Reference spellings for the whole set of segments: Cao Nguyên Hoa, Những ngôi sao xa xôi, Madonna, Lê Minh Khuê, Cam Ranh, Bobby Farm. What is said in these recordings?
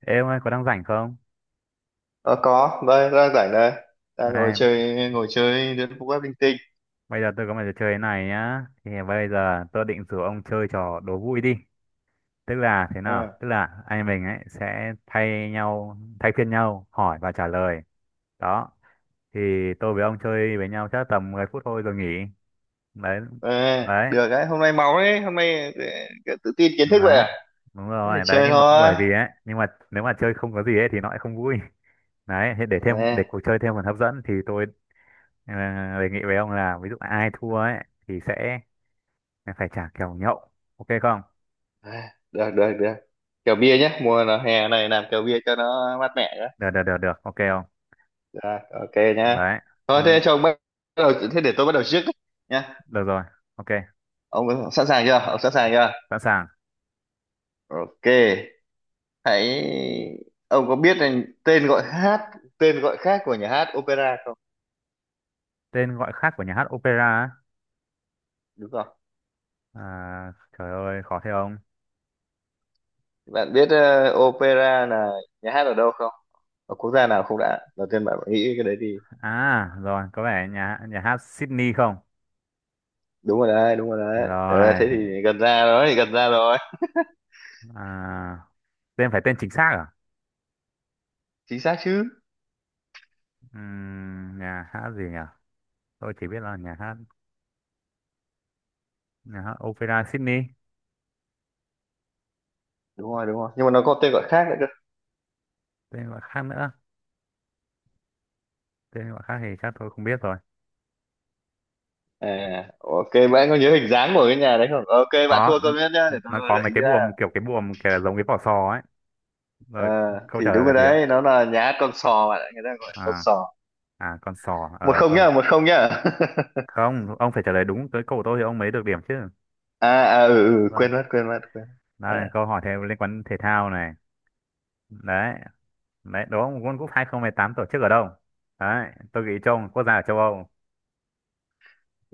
Ê ông ơi, có đang rảnh không? Ờ, có đây đang rảnh đây đang Này, ngồi chơi đến phút web linh tinh. bây giờ tôi có một trò chơi này nhá. Thì bây giờ tôi định rủ ông chơi trò đố vui đi. Tức là thế nào? Ờ, Tức là anh mình ấy sẽ thay nhau, thay phiên nhau hỏi và trả lời. Đó. Thì tôi với ông chơi với nhau chắc tầm 10 phút thôi rồi nghỉ. Đấy. ờ, Đấy. được đấy, hôm nay máu đấy, hôm nay tự tin kiến thức vậy Đấy. à? Đúng Thế thì rồi. Đấy chơi nhưng mà bởi thôi. vì ấy, nhưng mà nếu mà chơi không có gì ấy thì nó lại không vui. Đấy, thế Ờ, để cuộc chơi thêm phần hấp dẫn thì tôi ờ, đề nghị với ông là ví dụ ai thua ấy thì sẽ. Mày phải trả kèo nhậu. Ok không? ờ, được được được, kèo bia nhé, mùa là hè này làm kèo bia cho nó mát mẻ nhé. Được, được, được, được. Ok không? Rồi, ok nhá, Đấy. thôi Nhưng- thế cho ông bắt đầu, thế để tôi bắt đầu trước đấy, nhá. Được rồi. Ok. Ông sẵn sàng chưa, ông sẵn sàng chưa? Sẵn sàng. Ok, hãy ông có biết là tên gọi hát tên gọi khác của nhà hát opera không? Tên gọi khác của nhà hát opera á? Đúng không, À, trời ơi, khó thế ông. bạn biết opera là nhà hát ở đâu không, ở quốc gia nào không đã, đầu tiên bạn nghĩ cái đấy thì. À, rồi. Có vẻ nhà nhà hát Sydney không? Đúng rồi đấy, đúng rồi đấy, ờ, Rồi. thế thì gần ra rồi, gần ra rồi. À, tên chính xác à? Chính xác chứ. Nhà hát gì nhỉ? Tôi chỉ biết là nhà hát opera Sydney. Đúng rồi, đúng rồi, nhưng mà nó có tên gọi khác nữa cơ. Tên gọi khác nữa. Tên gọi khác thì chắc tôi không biết rồi. À, ok, bạn có nhớ hình dáng của cái nhà đấy không? Ok, bạn Có. thua câu nhất nhá, để tôi Nó gợi có mấy ý cái ra. buồm kiểu giống cái vỏ sò ấy. Ờ, Rồi, câu thì trả lời đúng là rồi gì ạ? đấy, nó là nhà hát con sò bạn ạ, người ta gọi là con À, sò. à, con sò. một Ờ không thôi. nhá, 1-0 nhá. Không, ông phải trả lời đúng tới câu của tôi thì ông mới được điểm chứ. À, à, ừ, ừ, Vâng. quên mất, quên mất, quên mất. À, Đây, câu hỏi thêm liên quan thể thao này. Đấy. Đấy, đó một World Cup 2018 tổ chức ở đâu? Đấy, tôi nghĩ một quốc gia ở châu Âu.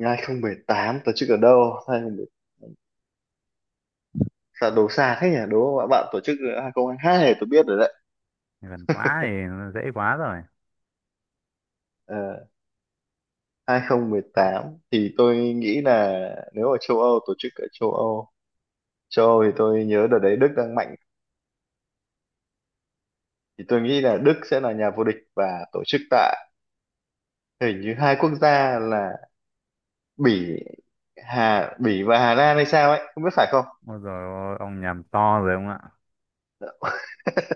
2018 tổ chức ở đâu? Sao đấu xa thế nhỉ, đúng không ạ bạn, tổ chức 2022 này tôi biết rồi đấy. Gần quá thì dễ quá rồi. Ờ, 2018 thì tôi nghĩ là nếu ở châu Âu, tổ chức ở châu Âu, châu Âu thì tôi nhớ đợt đấy Đức đang mạnh, thì tôi nghĩ là Đức sẽ là nhà vô địch và tổ chức tại, hình như hai quốc gia là Bỉ, Bỉ và Hà Lan hay sao ấy, không biết phải không? Ôi dồi ôi, ông nhầm to rồi ông ạ.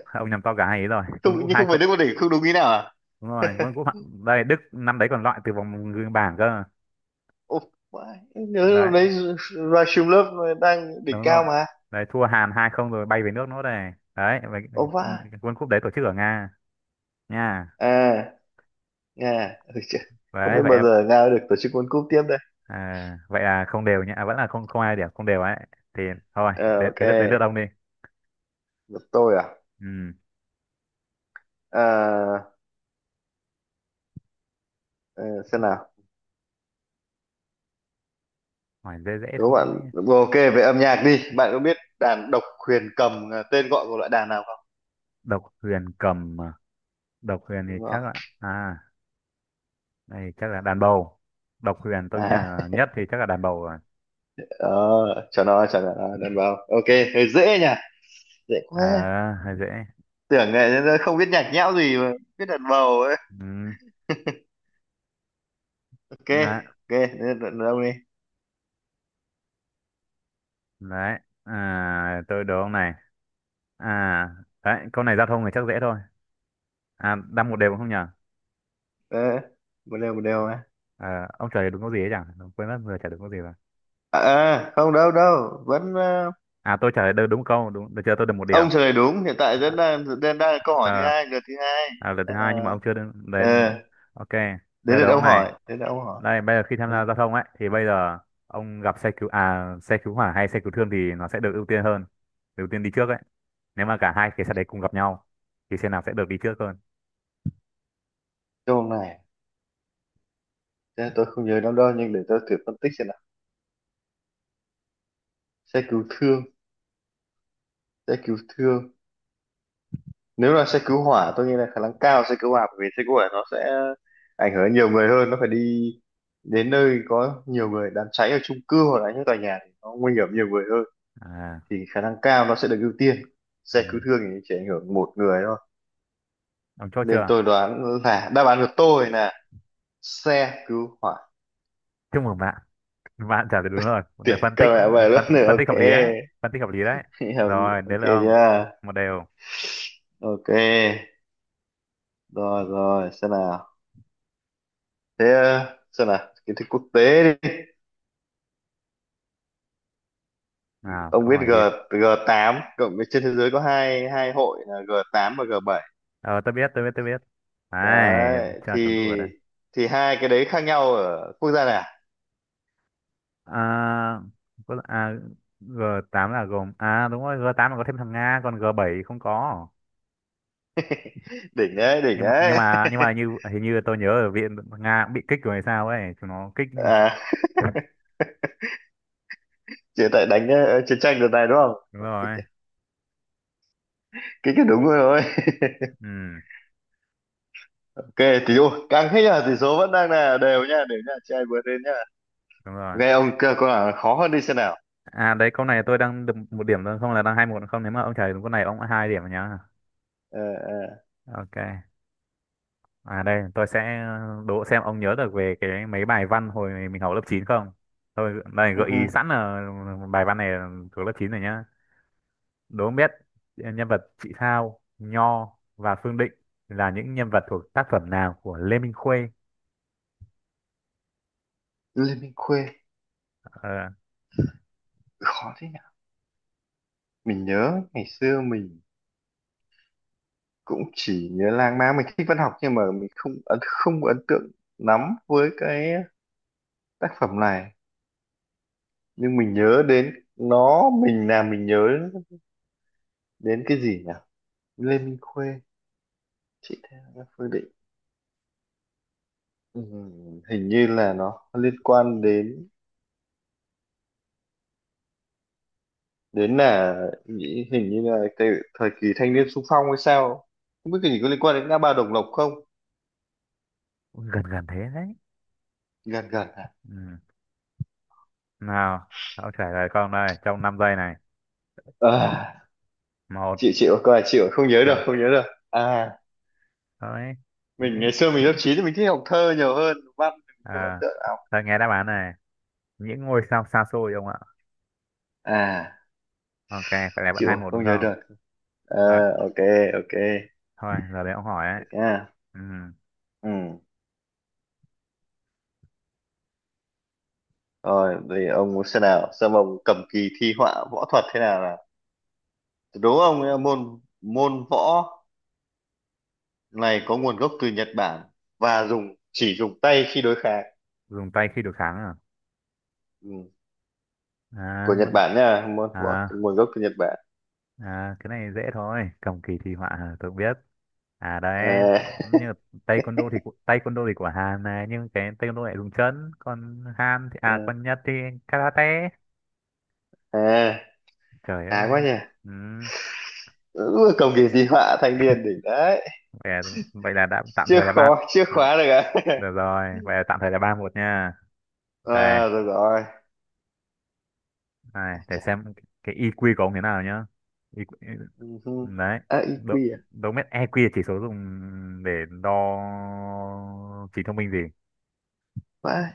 Ông nhầm to cả hai ý rồi. World Không, Cup nhưng 2. không phải Đức vô địch không, đúng ý nào à? Đúng rồi, World Cup đây Đức năm đấy còn loại từ vòng bảng cơ. Ồ, vãi, nhớ lúc Đấy, đấy Rasulov đang đỉnh đúng rồi cao mà. đấy, thua Hàn hai không rồi bay về nước nữa, đây đấy vậy. Ồ vãi. World Cup đấy tổ chức ở Nga nha. À, Nga. Ôi trời, không Đấy biết vậy. bao giờ Nga được tổ chức World Cup tiếp đây. Vậy là không đều nhá. Vẫn là không không, ai điểm không đều ấy thì thôi. Ờ, đến ok, đến lượt đến lượt ông đi. được, tôi à. ừ, Ờ, ờ, xem nào, Hỏi dễ dễ đố bạn, thôi. ừ, ok, về âm nhạc đi, bạn có biết đàn độc huyền cầm là tên gọi của loại đàn nào không? Độc huyền cầm à? Độc huyền thì Đúng rồi. chắc là, à đây chắc là đàn bầu. Độc huyền tôi nghĩ À, là nhất thì chắc là đàn bầu rồi. ờ, cho nó đàn bầu, ok. Hơi dễ nhỉ, dễ quá, Hơi dễ. tưởng này nó không biết nhạc nhẽo gì mà biết đàn bầu ấy. ừ, Ok, là ok, đâu đi. Tôi đố ông này. à Đấy câu này giao thông thì chắc dễ thôi. Đang một đều không nhờ. Ờ, một đều, một đều mà. Ông trả lời đúng câu gì ấy chẳng quên mất vừa trả lời đúng câu gì rồi. À, à, không đâu đâu vẫn Tôi trả lời đúng đúng câu đúng được chưa, tôi được một điểm. ông trả lời đúng, hiện tại à, vẫn đang đang đang là câu hỏi thứ à, hai, lượt thứ hai, Lần thứ đang hai nhưng là, mà ông chưa đến đấy. ờ, Ok, đến tôi đố lượt ông ông này. hỏi, đến lượt ông hỏi. Đây bây giờ khi tham Ừ. gia giao thông ấy thì bây giờ ông gặp xe cứu hỏa hay xe cứu thương thì nó sẽ được ưu tiên hơn, được ưu tiên đi trước ấy, nếu mà cả hai cái xe đấy cùng gặp nhau thì xe nào sẽ được đi trước hơn? Câu này thế tôi không nhớ lắm đâu, nhưng để tôi thử phân tích xem nào. Xe cứu thương, xe cứu thương, nếu là xe cứu hỏa tôi nghĩ là khả năng cao xe cứu hỏa, bởi vì xe cứu hỏa nó sẽ ảnh hưởng đến nhiều người hơn, nó phải đi đến nơi có nhiều người, đám cháy ở chung cư hoặc là những tòa nhà thì nó nguy hiểm nhiều người hơn, à thì khả năng cao nó sẽ được ưu tiên. Ừ. Xe cứu thương thì chỉ ảnh hưởng một người thôi, Ông chốt nên chưa? tôi đoán là đáp án của tôi là xe cứu hỏa. Chúc mừng bạn. Bạn trả lời đúng rồi. Một đề Tuyệt, phân tích các mẹ về lớp nữa, phân tích hợp ok. lý đấy. Phân tích hợp lý đấy. Hiểu đi, Rồi, đến ok. lượt ông. Chưa. Một đều. Ok, rồi rồi, xem nào, thế, ờ, xem nào, kiến thức quốc tế đi. À, Ông câu biết hỏi G, gì? G8 cộng với, trên thế giới có hai hai hội là G8 và G7 Ờ, tôi biết, tôi biết, tôi biết. Đấy, đấy, cho chúng tôi ở đây. thì hai cái đấy khác nhau ở quốc gia nào. À, có, g tám là gồm... À, đúng rồi, g tám là có thêm thằng Nga, còn g bảy không có. Đỉnh đấy, đỉnh Nhưng mà, nhưng đấy. mà, nhưng mà hình như tôi nhớ ở viện Nga cũng bị kích rồi hay sao ấy. Chúng nó kích... À, chỉ tại đánh chiến tranh đợt này đúng không? Đúng Cái rồi. Cái đúng rồi. Ừ, Ok, tỷ ôi, càng thế là tỷ số vẫn đang là đều nha, chị ai vượt lên nhá. đúng rồi. Ok, ông cơ câu nào khó hơn đi xem nào. Đấy câu này tôi đang được một điểm thôi không là đang hai một không, nếu mà ông trả đúng câu này ông đã hai điểm rồi nhá. Ờ, ờ, Ok. Đây tôi sẽ đố xem ông nhớ được về cái mấy bài văn hồi mình học lớp chín không. Thôi đây ừ gợi hừ. ý sẵn là bài văn này là thuộc lớp 9 rồi nhá. Đố ông biết nhân vật Chị Thao, Nho và Phương Định là những nhân vật thuộc tác phẩm nào của Lê Minh Khuê? Liên minh khuê, Ờ, khó thế nhỉ. Mình nhớ ngày xưa mình cũng chỉ nhớ lang mang, mình thích văn học nhưng mà mình không ấn tượng lắm với cái tác phẩm này. Nhưng mình nhớ đến nó, mình làm mình nhớ đến cái gì nhỉ? Lê Minh Khuê, chị Thea, Phương Định. Ừ, hình như là nó liên quan đến, đến là nghĩ hình như là cái thời kỳ thanh niên xung phong hay sao, không biết cái gì, có liên quan đến ngã ba Đồng Lộc không? gần gần thế đấy. Gần gần, à, Ừ. Nào, ông trả lời con đây trong 5 giây này. à, Một, chịu, chịu có là chịu không nhớ được, chưa? không nhớ được. À, Đấy. mình Những ngày xưa mình lớp 9 thì mình thích học thơ nhiều hơn văn, thì mình không ấn À, tượng nào. thôi nghe đáp án này. Những ngôi sao xa xôi ông ạ. À, Ok, phải là bạn chịu hai rồi, một đúng không nhớ không? được. À, Đấy, ok, ok, thôi, giờ đấy ông hỏi ấy. được nha. Ừ, Ừ, rồi thì ông muốn, xem nào, xem ông cầm kỳ thi họa võ thuật thế nào nào. Đố ông ấy là môn môn võ này có nguồn gốc từ Nhật Bản và chỉ dùng tay khi đối kháng. dùng tay khi đối kháng à? Ừ. À, Của Nhật muốn... Bản nha, môn võ À, nguồn gốc từ Nhật Bản. à, cái này dễ thôi. Cầm kỳ thi họa hả? Tôi cũng biết. Đấy, À, như là taekwondo thì của Hàn này, nhưng cái taekwondo lại dùng chân, còn Hàn thì à ừ. còn Nhật thì karate. À, Trời khá quá ơi. nhỉ. Ừ, Ừ, cầm kỳ di họa thanh niên đỉnh đấy. vậy là, đã tạm Chưa, thời là ba. khó chưa, ờ, khóa được à? Được rồi, vậy là tạm thời là ba một nha. Đây. À rồi rồi. Này À, để chà. xem cái EQ của ông thế nào nhá. EQ, Ừ hừ. đấy À, độ EQ à? độ mét EQ là chỉ số dùng để đo trí thông minh gì Vãi.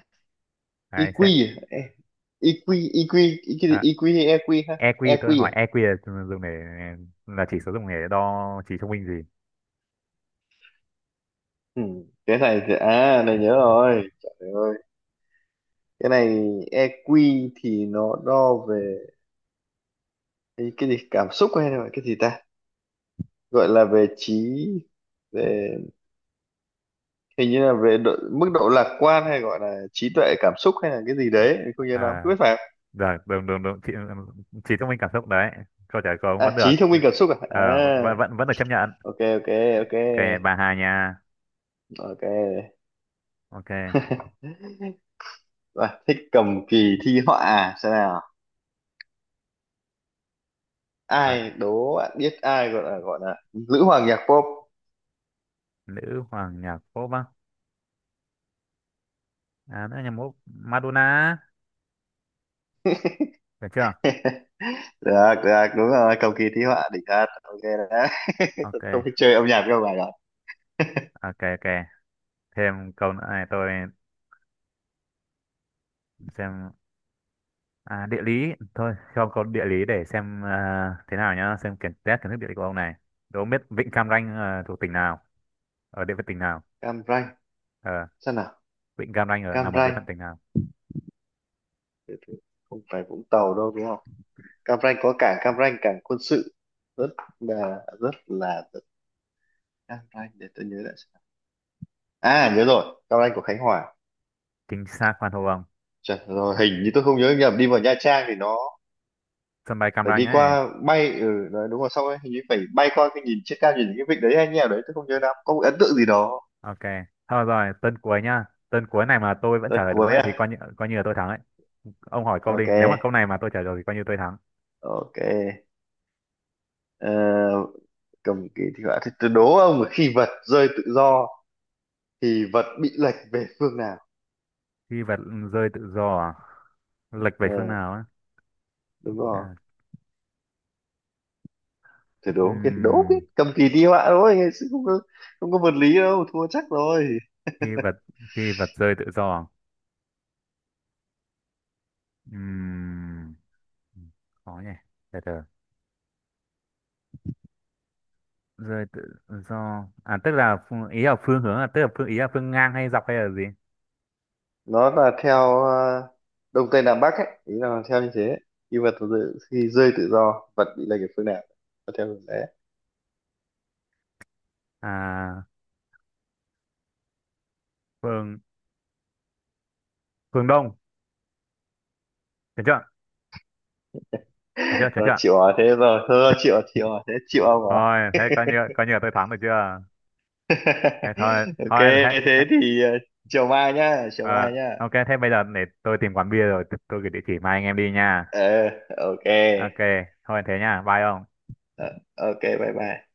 đấy EQ. sẽ À, ê, EQ, EQ, EQ, à, EQ hay EQ ha? EQ EQ tôi hỏi à. EQ là chỉ số dùng để đo trí thông minh gì? Ừ. Cái này thì à này nhớ rồi, trời ơi, cái này EQ thì nó đo về cái gì cảm xúc, hay là cái gì ta gọi là về trí, về, hình như là về độ, mức độ lạc quan, hay gọi là trí tuệ cảm xúc, hay là cái gì à, đấy, mình không nhớ lắm, không à biết phải không? được được được, được. Trí, thông minh cảm xúc đấy, câu trả lời của ông À, vẫn được. trí thông minh cảm xúc à, Ờ, à, vẫn vẫn vẫn được chấp nhận. ok, ok, ok, Ok, bà Hà nha. ok. Ok Và thích cầm kỳ thi họa à? Xem nào, đấy. ai, đố bạn biết ai gọi là, gọi là nữ hoàng nhạc pop. Nữ hoàng nhạc pop á? À, nữ hoàng nhạc pop Madonna. Được chưa? Được, được, đúng rồi, cầu kỳ thi họa đỉnh thật, ok đấy. Ok Không biết chơi âm nhạc đâu bài đó. ok ok, thêm câu nữa này. Tôi xem, địa lý thôi, cho câu địa lý để xem thế nào nhá, xem test kiến thức địa lý của ông này. Đố ông biết vịnh Cam Ranh thuộc tỉnh nào, ở địa phận tỉnh nào? Cam Ranh, Ờ, sao nào? vịnh Cam Ranh Cam nằm ở địa Ranh, phận tỉnh nào? từ từ, không phải Vũng Tàu đâu đúng không? Cam Ranh có cảng Cam Ranh, cảng quân sự rất là, Cam Ranh, để tôi nhớ lại xem nào. À nhớ rồi, Cam Ranh của Khánh Hòa. Chính xác, khoan hô ông, Trời, rồi hình như tôi không nhớ nhầm, đi vào Nha Trang thì nó sân bay Cam phải Ranh đi ấy. qua, bay, ừ đấy, đúng rồi, xong rồi, hình như phải bay qua cái, nhìn trên cao nhìn những cái vịnh đấy hay như nào đấy, tôi không nhớ lắm, có một ấn tượng gì đó. Ok thôi rồi, tên cuối nhá, tên cuối này mà tôi vẫn Lần trả lời cuối đúng ấy à. thì coi như là tôi thắng ấy. Ông hỏi câu đi, Ok. nếu mà câu này mà tôi trả lời thì coi như tôi thắng. Ok. Ờ, cầm kỳ thi họa thì tôi đố ông là khi vật rơi tự do thì vật bị lệch về phương nào? Khi vật rơi tự do à? Lệch về Ờ, phương nào ấy? đúng rồi. Chà, Thử đố không biết, đố không ừm, biết cầm kỳ thi họa thôi chứ không có, không có vật lý đâu, thua chắc rồi. khi vật khi vật rơi tự do à? Ừm, Khó nhỉ, từ từ, rơi tự do à, tức là phương, ý là phương hướng à, tức là ý là phương ngang hay dọc hay là gì? Nó là theo đông tây nam bắc ấy, ý là theo như thế, khi vật rơi, khi rơi tự do vật bị lệch về phương nào, nó theo hướng đấy. à phương phương đông, được chưa, được chưa, được Rồi, chưa? chịu, hỏi thế rồi thôi, chịu hỏi thế, chịu ông rồi. Thôi thế coi như là tôi thắng được chưa. Thế thôi, Ok, thôi thế, thế thế thì, ờ, chiều mai nhá, chiều ờ, mai nhá. ok thế bây giờ để tôi tìm quán bia rồi tôi gửi địa chỉ mai anh em đi nha. Ờ, ok. Ok. Thôi thế nha, bye ông. Ờ, ok, bye bye.